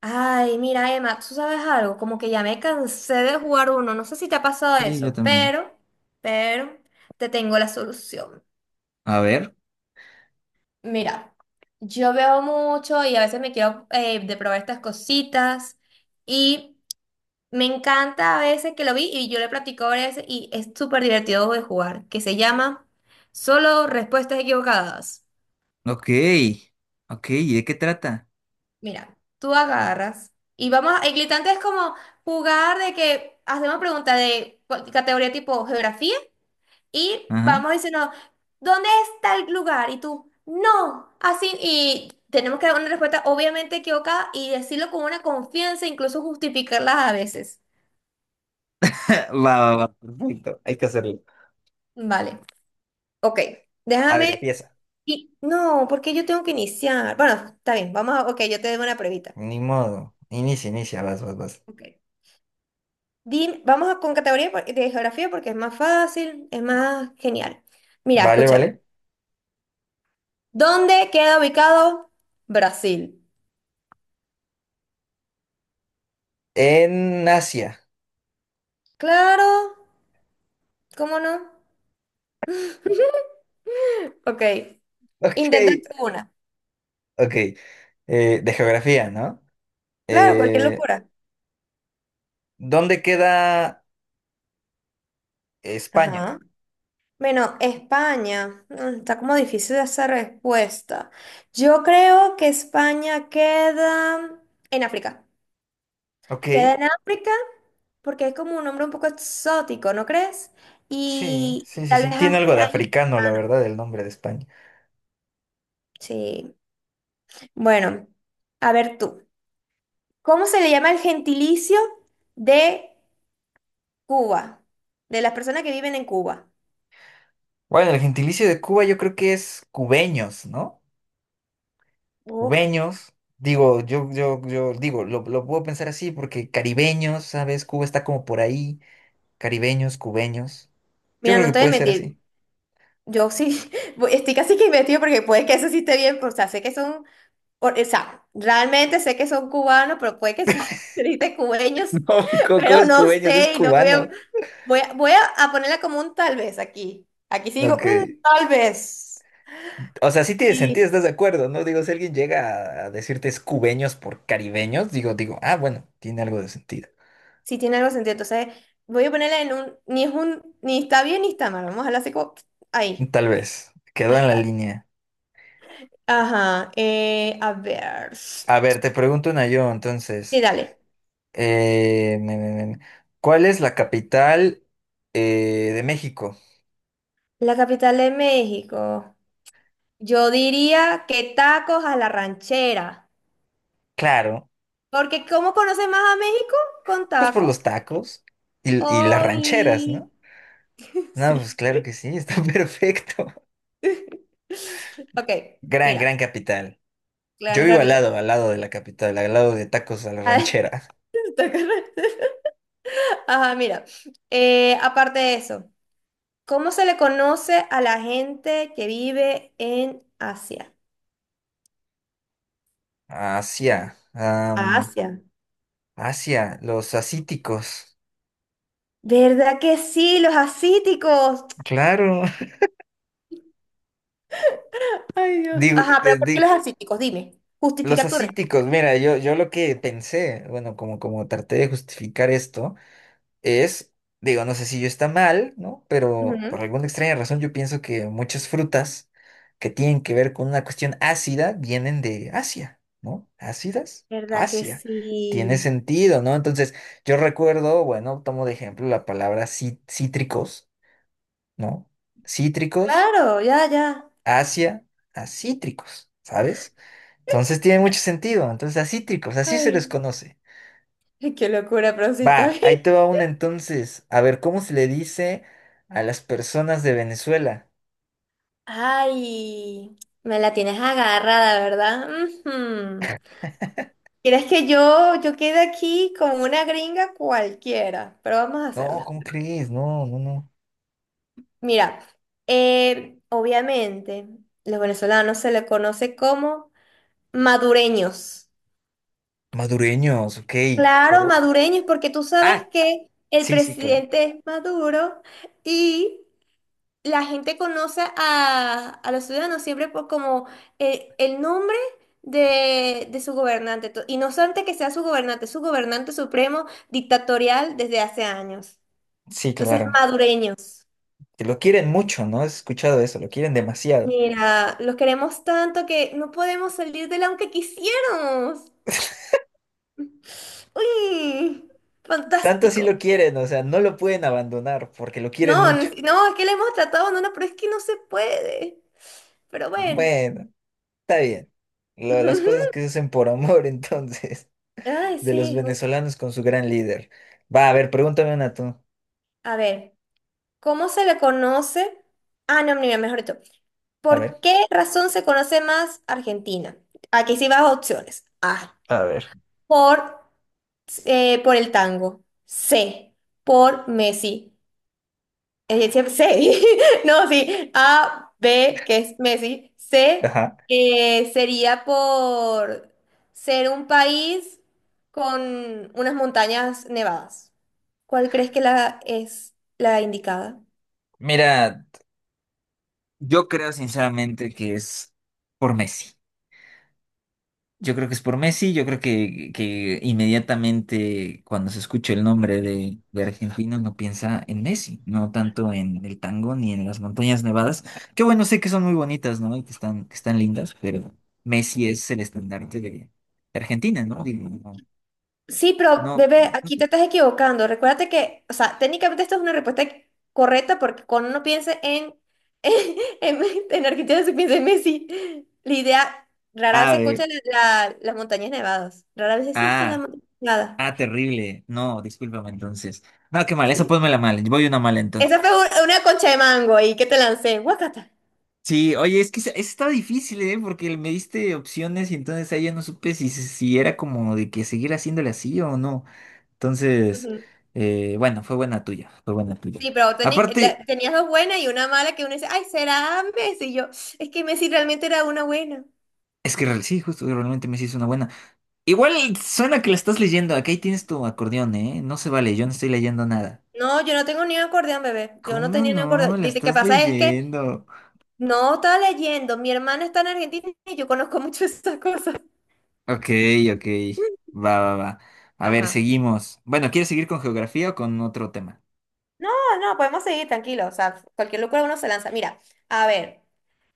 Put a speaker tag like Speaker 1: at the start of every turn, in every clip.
Speaker 1: Ay, mira, Emma, tú sabes algo, como que ya me cansé de jugar uno, no sé si te ha pasado
Speaker 2: Sí, yo
Speaker 1: eso,
Speaker 2: también.
Speaker 1: pero te tengo la solución.
Speaker 2: A ver,
Speaker 1: Mira, yo veo mucho y a veces me quedo de probar estas cositas y me encanta a veces que lo vi y yo le platico a veces y es súper divertido de jugar, que se llama Solo Respuestas Equivocadas.
Speaker 2: ok, ok, ¿y de qué trata?
Speaker 1: Mira, tú agarras y el glitante es como jugar de que hacemos preguntas de categoría tipo geografía y
Speaker 2: Ajá.
Speaker 1: vamos diciendo, ¿dónde está el lugar? Y tú, no, así, y tenemos que dar una respuesta obviamente equivocada y decirlo con una confianza, incluso justificarla a veces.
Speaker 2: Va, va, va, perfecto, hay que hacerlo.
Speaker 1: Vale, ok,
Speaker 2: A ver,
Speaker 1: déjame,
Speaker 2: empieza.
Speaker 1: y no, porque yo tengo que iniciar. Bueno, está bien, ok, yo te doy una previta.
Speaker 2: Ni modo, inicia, inicia, vas, vas, vas.
Speaker 1: Ok. Con categoría de geografía porque es más fácil, es más genial. Mira,
Speaker 2: Vale,
Speaker 1: escúchame.
Speaker 2: vale.
Speaker 1: ¿Dónde queda ubicado Brasil?
Speaker 2: En Asia.
Speaker 1: Claro, ¿cómo no? Ok,
Speaker 2: Ok,
Speaker 1: intenta tú una.
Speaker 2: ok. De geografía, ¿no?
Speaker 1: Claro, cualquier
Speaker 2: Eh,
Speaker 1: locura.
Speaker 2: ¿Dónde queda España?
Speaker 1: Ajá. Bueno, España. Mm, está como difícil esa respuesta. Yo creo que España queda en África.
Speaker 2: Ok,
Speaker 1: Queda en África porque es como un nombre un poco exótico, ¿no crees?
Speaker 2: sí,
Speaker 1: Y
Speaker 2: sí, sí,
Speaker 1: tal
Speaker 2: sí.
Speaker 1: vez
Speaker 2: Tiene algo de
Speaker 1: África y
Speaker 2: africano, la
Speaker 1: africano.
Speaker 2: verdad, el nombre de España.
Speaker 1: Sí. Bueno, a ver tú. ¿Cómo se le llama el gentilicio de Cuba? De las personas que viven en Cuba.
Speaker 2: Bueno, el gentilicio de Cuba yo creo que es cubeños, ¿no?
Speaker 1: Oh,
Speaker 2: Cubeños, digo, yo digo, lo puedo pensar así porque caribeños, ¿sabes? Cuba está como por ahí, caribeños, cubeños. Yo
Speaker 1: mira,
Speaker 2: creo que
Speaker 1: no te voy a
Speaker 2: puede ser
Speaker 1: mentir.
Speaker 2: así.
Speaker 1: Yo sí, estoy casi que investigo porque puede que eso sí esté bien, pues, o sea, sé que son, o sea, realmente sé que son cubanos, pero puede que sí, dijiste cubeños,
Speaker 2: No, ¿cómo
Speaker 1: pero
Speaker 2: es
Speaker 1: no
Speaker 2: cubeños? Es
Speaker 1: sé y no veo.
Speaker 2: cubano.
Speaker 1: Voy a ponerla como un tal vez aquí. Aquí sí digo,
Speaker 2: Ok.
Speaker 1: "Mm, tal vez."
Speaker 2: O sea, sí tiene
Speaker 1: Sí.
Speaker 2: sentido, ¿estás de acuerdo? No digo, si alguien llega a decirte es cubeños por caribeños, digo, digo, ah, bueno, tiene algo de sentido.
Speaker 1: Si tiene algo sentido. Entonces, voy a ponerla en un, ni es un, ni está bien ni está mal. Vamos a hablar así como, ahí.
Speaker 2: Tal vez. Quedó
Speaker 1: Ah,
Speaker 2: en la
Speaker 1: tal.
Speaker 2: línea.
Speaker 1: Ajá. A ver. Sí,
Speaker 2: A ver, te pregunto una yo, entonces.
Speaker 1: dale.
Speaker 2: Eh, me- me- me- ¿Cuál es la capital de México?
Speaker 1: La capital de México. Yo diría que tacos a la ranchera.
Speaker 2: Claro,
Speaker 1: Porque ¿cómo conoces más a México? Con
Speaker 2: pues por los
Speaker 1: tacos.
Speaker 2: tacos y, las rancheras,
Speaker 1: Obi.
Speaker 2: ¿no? No, pues
Speaker 1: Sí.
Speaker 2: claro que sí, está perfecto.
Speaker 1: Ok,
Speaker 2: Gran,
Speaker 1: mira.
Speaker 2: gran capital. Yo
Speaker 1: Gran
Speaker 2: vivo
Speaker 1: capital.
Speaker 2: al lado de la capital, al lado de tacos a la ranchera.
Speaker 1: Ajá, mira. Aparte de eso, ¿cómo se le conoce a la gente que vive en Asia?
Speaker 2: Asia,
Speaker 1: A Asia.
Speaker 2: Asia, los asíticos.
Speaker 1: ¿Verdad que sí? ¿Los asiáticos?
Speaker 2: Claro.
Speaker 1: Ay, Dios.
Speaker 2: Digo,
Speaker 1: Ajá, pero ¿por qué los asiáticos? Dime.
Speaker 2: los
Speaker 1: Justifica tu
Speaker 2: asíticos,
Speaker 1: respuesta.
Speaker 2: mira, yo lo que pensé, bueno, como traté de justificar esto. Es, digo, no sé si yo está mal, ¿no? Pero por
Speaker 1: Ujú.
Speaker 2: alguna extraña razón yo pienso que muchas frutas que tienen que ver con una cuestión ácida vienen de Asia, ¿no? Ácidas,
Speaker 1: ¿Verdad que
Speaker 2: Asia. Tiene
Speaker 1: sí?
Speaker 2: sentido, ¿no? Entonces, yo recuerdo, bueno, tomo de ejemplo la palabra cítricos, ¿no? Cítricos,
Speaker 1: Claro, ya, ya.
Speaker 2: Asia, acítricos, ¿sabes? Entonces tiene mucho sentido. Entonces, acítricos, así se
Speaker 1: Ay,
Speaker 2: les conoce.
Speaker 1: qué locura, prosita.
Speaker 2: Va, ahí te va una entonces. A ver, ¿cómo se le dice a las personas de Venezuela?
Speaker 1: Ay, me la tienes agarrada, ¿verdad? Ujú. Quieres que yo quede aquí como una gringa cualquiera, pero vamos a
Speaker 2: No,
Speaker 1: hacerlo.
Speaker 2: ¿cómo crees? No, no, no.
Speaker 1: Mira, obviamente, los venezolanos se les conoce como madureños.
Speaker 2: Madureños, ok.
Speaker 1: Claro,
Speaker 2: O-
Speaker 1: madureños, porque tú sabes
Speaker 2: Ah,
Speaker 1: que el
Speaker 2: sí, sí, claro.
Speaker 1: presidente es Maduro y la gente conoce a los ciudadanos siempre por como el nombre de su gobernante. Y no solamente que sea su gobernante supremo dictatorial desde hace años.
Speaker 2: Sí,
Speaker 1: Entonces,
Speaker 2: claro.
Speaker 1: madureños,
Speaker 2: Que lo quieren mucho, ¿no? He escuchado eso, lo quieren demasiado.
Speaker 1: mira, los queremos tanto que no podemos salir de él aunque quisiéramos. Uy,
Speaker 2: Tanto así
Speaker 1: fantástico.
Speaker 2: lo quieren, o sea, no lo pueden abandonar porque lo quieren
Speaker 1: No, no,
Speaker 2: mucho.
Speaker 1: es que le hemos tratado, no, no, pero es que no se puede. Pero bueno.
Speaker 2: Bueno, está bien. Las cosas que se hacen por amor, entonces,
Speaker 1: Ay,
Speaker 2: de los
Speaker 1: sí.
Speaker 2: venezolanos con su gran líder. Va, a ver, pregúntame una tú.
Speaker 1: A ver, ¿cómo se le conoce? Ah, no, mira, mejor dicho.
Speaker 2: A
Speaker 1: ¿Por
Speaker 2: ver.
Speaker 1: qué razón se conoce más Argentina? Aquí sí vas a opciones. A,
Speaker 2: A ver.
Speaker 1: por por el tango. C, por Messi. Es decir, C. No, sí. A, B, que es Messi. C,
Speaker 2: Ajá.
Speaker 1: sería por ser un país con unas montañas nevadas. ¿Cuál crees que la es la indicada?
Speaker 2: Mira, yo creo sinceramente que es por Messi. Yo creo que es por Messi. Yo creo que inmediatamente cuando se escucha el nombre de argentino no piensa en Messi, no tanto en el tango ni en las montañas nevadas. Que bueno, sé que son muy bonitas, ¿no? Y que están lindas, pero Messi es el estandarte de Argentina, ¿no? Digo, no,
Speaker 1: Sí, pero
Speaker 2: no.
Speaker 1: bebé, aquí te estás equivocando. Recuérdate que, o sea, técnicamente esto es una respuesta correcta porque cuando uno piensa en, en, en Argentina se piensa en Messi. La idea, rara vez
Speaker 2: A
Speaker 1: se escucha
Speaker 2: ver,
Speaker 1: las montañas nevadas. Rara vez sí, sí, las
Speaker 2: ah,
Speaker 1: montañas nevadas.
Speaker 2: terrible. No, discúlpame entonces. No, qué mal, eso
Speaker 1: Sí.
Speaker 2: ponmela mal. Voy una mala
Speaker 1: Esa fue
Speaker 2: entonces.
Speaker 1: una concha de mango ahí que te lancé. Guacata.
Speaker 2: Sí, oye, es que esa está difícil, ¿eh? Porque me diste opciones y entonces ahí ya no supe si era como de que seguir haciéndole así o no. Entonces,
Speaker 1: Ujú.
Speaker 2: bueno, fue buena tuya, fue buena tuya.
Speaker 1: Sí, pero
Speaker 2: Aparte,
Speaker 1: tenías dos buenas y una mala que uno dice, ay, será Messi. Y yo, es que Messi realmente era una buena.
Speaker 2: es que sí, justo, realmente me hizo una buena. Igual suena que la estás leyendo, aquí tienes tu acordeón, ¿eh? No se vale, yo no estoy leyendo nada.
Speaker 1: No, yo no tengo ni un acordeón, bebé. Yo no
Speaker 2: ¿Cómo
Speaker 1: tenía ni un
Speaker 2: no?
Speaker 1: acordeón.
Speaker 2: La
Speaker 1: Lo que
Speaker 2: estás
Speaker 1: pasa es que
Speaker 2: leyendo.
Speaker 1: no estaba leyendo. Mi hermano está en Argentina y yo conozco mucho esas cosas.
Speaker 2: Ok, ok, va, va, va. A ver,
Speaker 1: Ajá.
Speaker 2: seguimos. Bueno, ¿quieres seguir con geografía o con otro tema?
Speaker 1: No, no, podemos seguir tranquilos. O sea, cualquier locura uno se lanza. Mira, a ver.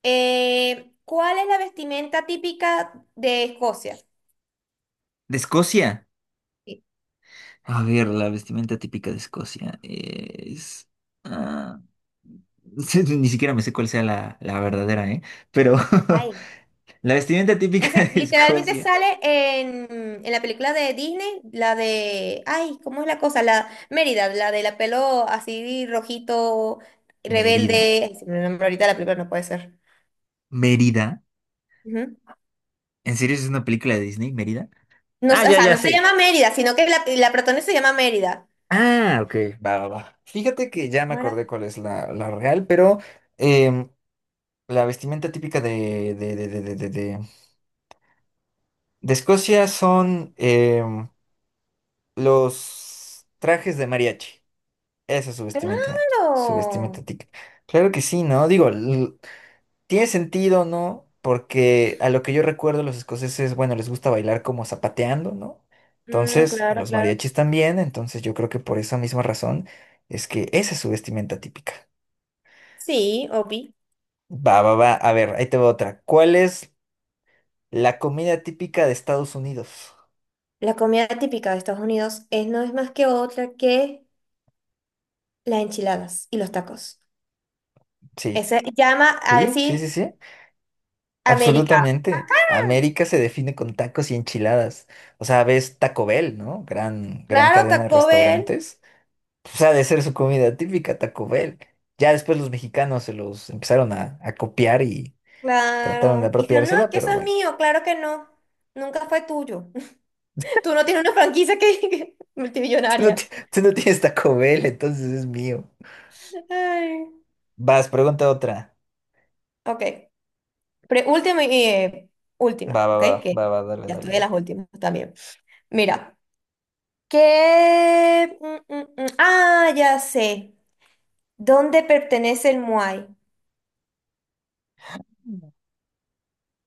Speaker 1: ¿Cuál es la vestimenta típica de Escocia?
Speaker 2: De Escocia.
Speaker 1: Sí.
Speaker 2: A ver, la vestimenta típica de Escocia es... ah, sí, ni siquiera me sé cuál sea la, la verdadera, ¿eh? Pero
Speaker 1: Ay,
Speaker 2: la vestimenta típica
Speaker 1: ese
Speaker 2: de
Speaker 1: literalmente
Speaker 2: Escocia.
Speaker 1: sale en la película de Disney, la de, ay, ¿cómo es la cosa? La Mérida, la de la pelo así rojito,
Speaker 2: Mérida.
Speaker 1: rebelde. Ay, se me nombró ahorita la película, no puede ser.
Speaker 2: Mérida.
Speaker 1: Ujú.
Speaker 2: ¿En serio es una película de Disney, Mérida?
Speaker 1: No, o
Speaker 2: Ah, ya,
Speaker 1: sea,
Speaker 2: ya
Speaker 1: no se
Speaker 2: sé.
Speaker 1: llama Mérida, sino que la protagonista se llama Mérida.
Speaker 2: Ah, ok. Va, va, va. Fíjate que ya me
Speaker 1: ¿Cómo era?
Speaker 2: acordé cuál es la, la real, pero em, la vestimenta típica de Escocia son los trajes de mariachi. Eso es su vestimenta Mike, subestimate
Speaker 1: ¡Claro!
Speaker 2: a ti. Claro que sí, ¿no? Digo, tiene sentido, ¿no? Porque a lo que yo recuerdo, los escoceses, bueno, les gusta bailar como zapateando, ¿no?
Speaker 1: Mm,
Speaker 2: Entonces, a
Speaker 1: claro,
Speaker 2: los
Speaker 1: claro.
Speaker 2: mariachis también, entonces yo creo que por esa misma razón es que esa es su vestimenta típica.
Speaker 1: Sí, obvi.
Speaker 2: Va, va, va. A ver, ahí te va otra. ¿Cuál es la comida típica de Estados Unidos?
Speaker 1: La comida típica de Estados Unidos es, no es más que otra que las enchiladas y los tacos.
Speaker 2: Sí,
Speaker 1: Ese llama a
Speaker 2: sí, sí,
Speaker 1: decir
Speaker 2: sí, sí.
Speaker 1: América.
Speaker 2: Absolutamente. América se define con tacos y enchiladas. O sea, ves Taco Bell, ¿no? Gran, gran
Speaker 1: Claro,
Speaker 2: cadena de
Speaker 1: Taco Bell,
Speaker 2: restaurantes. O sea, de ser su comida típica, Taco Bell. Ya después los mexicanos se los empezaron a, copiar y trataron de
Speaker 1: claro. Y dijeron, no, es
Speaker 2: apropiársela,
Speaker 1: que
Speaker 2: pero
Speaker 1: eso es
Speaker 2: bueno,
Speaker 1: mío, claro que no. Nunca fue tuyo. Tú no tienes una franquicia
Speaker 2: tú no,
Speaker 1: multimillonaria.
Speaker 2: tú no tienes Taco Bell, entonces es mío.
Speaker 1: Ay.
Speaker 2: Vas, pregunta otra.
Speaker 1: Ok. Última y última,
Speaker 2: Va, va,
Speaker 1: ¿ok?
Speaker 2: va,
Speaker 1: Que
Speaker 2: va, va, dale,
Speaker 1: ya
Speaker 2: dale,
Speaker 1: estoy en
Speaker 2: dale.
Speaker 1: las últimas también. Mira, ¿qué? Mm. Ah, ya sé. ¿Dónde pertenece el Muay?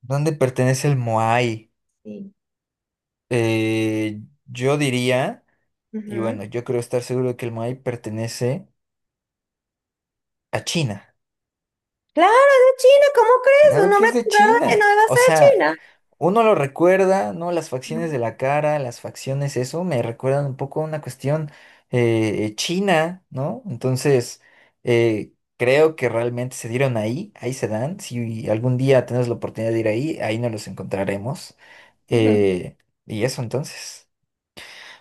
Speaker 2: ¿Dónde pertenece el Moai?
Speaker 1: Sí.
Speaker 2: Eh, yo diría, y bueno,
Speaker 1: Ujú.
Speaker 2: yo creo estar seguro de que el Moai pertenece. A China.
Speaker 1: Claro, es de China, ¿cómo
Speaker 2: Sí.
Speaker 1: crees? Un
Speaker 2: Claro que
Speaker 1: nombre
Speaker 2: es de
Speaker 1: tan raro que
Speaker 2: China.
Speaker 1: no debe
Speaker 2: O
Speaker 1: ser de
Speaker 2: sea,
Speaker 1: China.
Speaker 2: uno lo recuerda, ¿no? Las facciones de la cara, las facciones, eso me recuerdan un poco a una cuestión china, ¿no? Entonces, creo que realmente se dieron ahí, ahí se dan. Si algún día tenemos la oportunidad de ir ahí, ahí nos los encontraremos.
Speaker 1: Ujú.
Speaker 2: Eh, y eso entonces.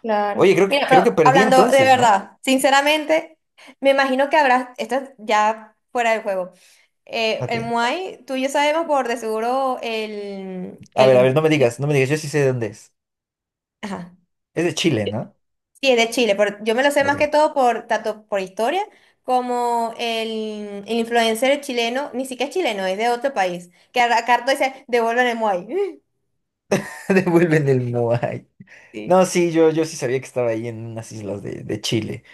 Speaker 1: Claro.
Speaker 2: Oye,
Speaker 1: Mira,
Speaker 2: creo
Speaker 1: pero
Speaker 2: que perdí
Speaker 1: hablando de
Speaker 2: entonces, ¿no?
Speaker 1: verdad, sinceramente, me imagino que habrás, esto es ya fuera del juego,
Speaker 2: Ok.
Speaker 1: el Muay, tú y yo sabemos por de seguro el,
Speaker 2: A ver,
Speaker 1: el,
Speaker 2: no me digas, no me digas, yo sí sé de dónde es.
Speaker 1: ajá,
Speaker 2: Es de Chile, ¿no?
Speaker 1: sí, es de Chile, pero yo me lo sé más que
Speaker 2: Ok.
Speaker 1: todo por, tanto por historia como el influencer chileno, ni siquiera es chileno, es de otro país, que a Carto dice, devuelven el Muay.
Speaker 2: Devuelven el Moai.
Speaker 1: Sí.
Speaker 2: No, sí, yo sí sabía que estaba ahí en unas islas de Chile.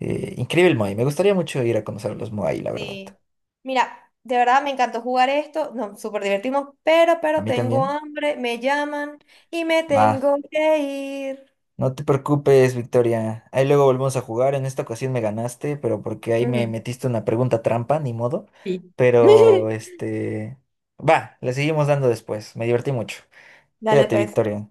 Speaker 2: Increíble el Moai. Me gustaría mucho ir a conocer los Moai, la verdad.
Speaker 1: Sí. Mira, de verdad me encantó jugar esto. No, súper divertimos,
Speaker 2: ¿A
Speaker 1: pero
Speaker 2: mí
Speaker 1: tengo
Speaker 2: también?
Speaker 1: hambre, me llaman y me
Speaker 2: Va.
Speaker 1: tengo que ir.
Speaker 2: No te preocupes, Victoria. Ahí luego volvemos a jugar. En esta ocasión me ganaste, pero porque ahí me
Speaker 1: Ujú.
Speaker 2: metiste una pregunta trampa, ni modo.
Speaker 1: Sí.
Speaker 2: Pero, este... Va, le seguimos dando después. Me divertí mucho.
Speaker 1: Dale,
Speaker 2: Cuídate,
Speaker 1: pues.
Speaker 2: Victoria.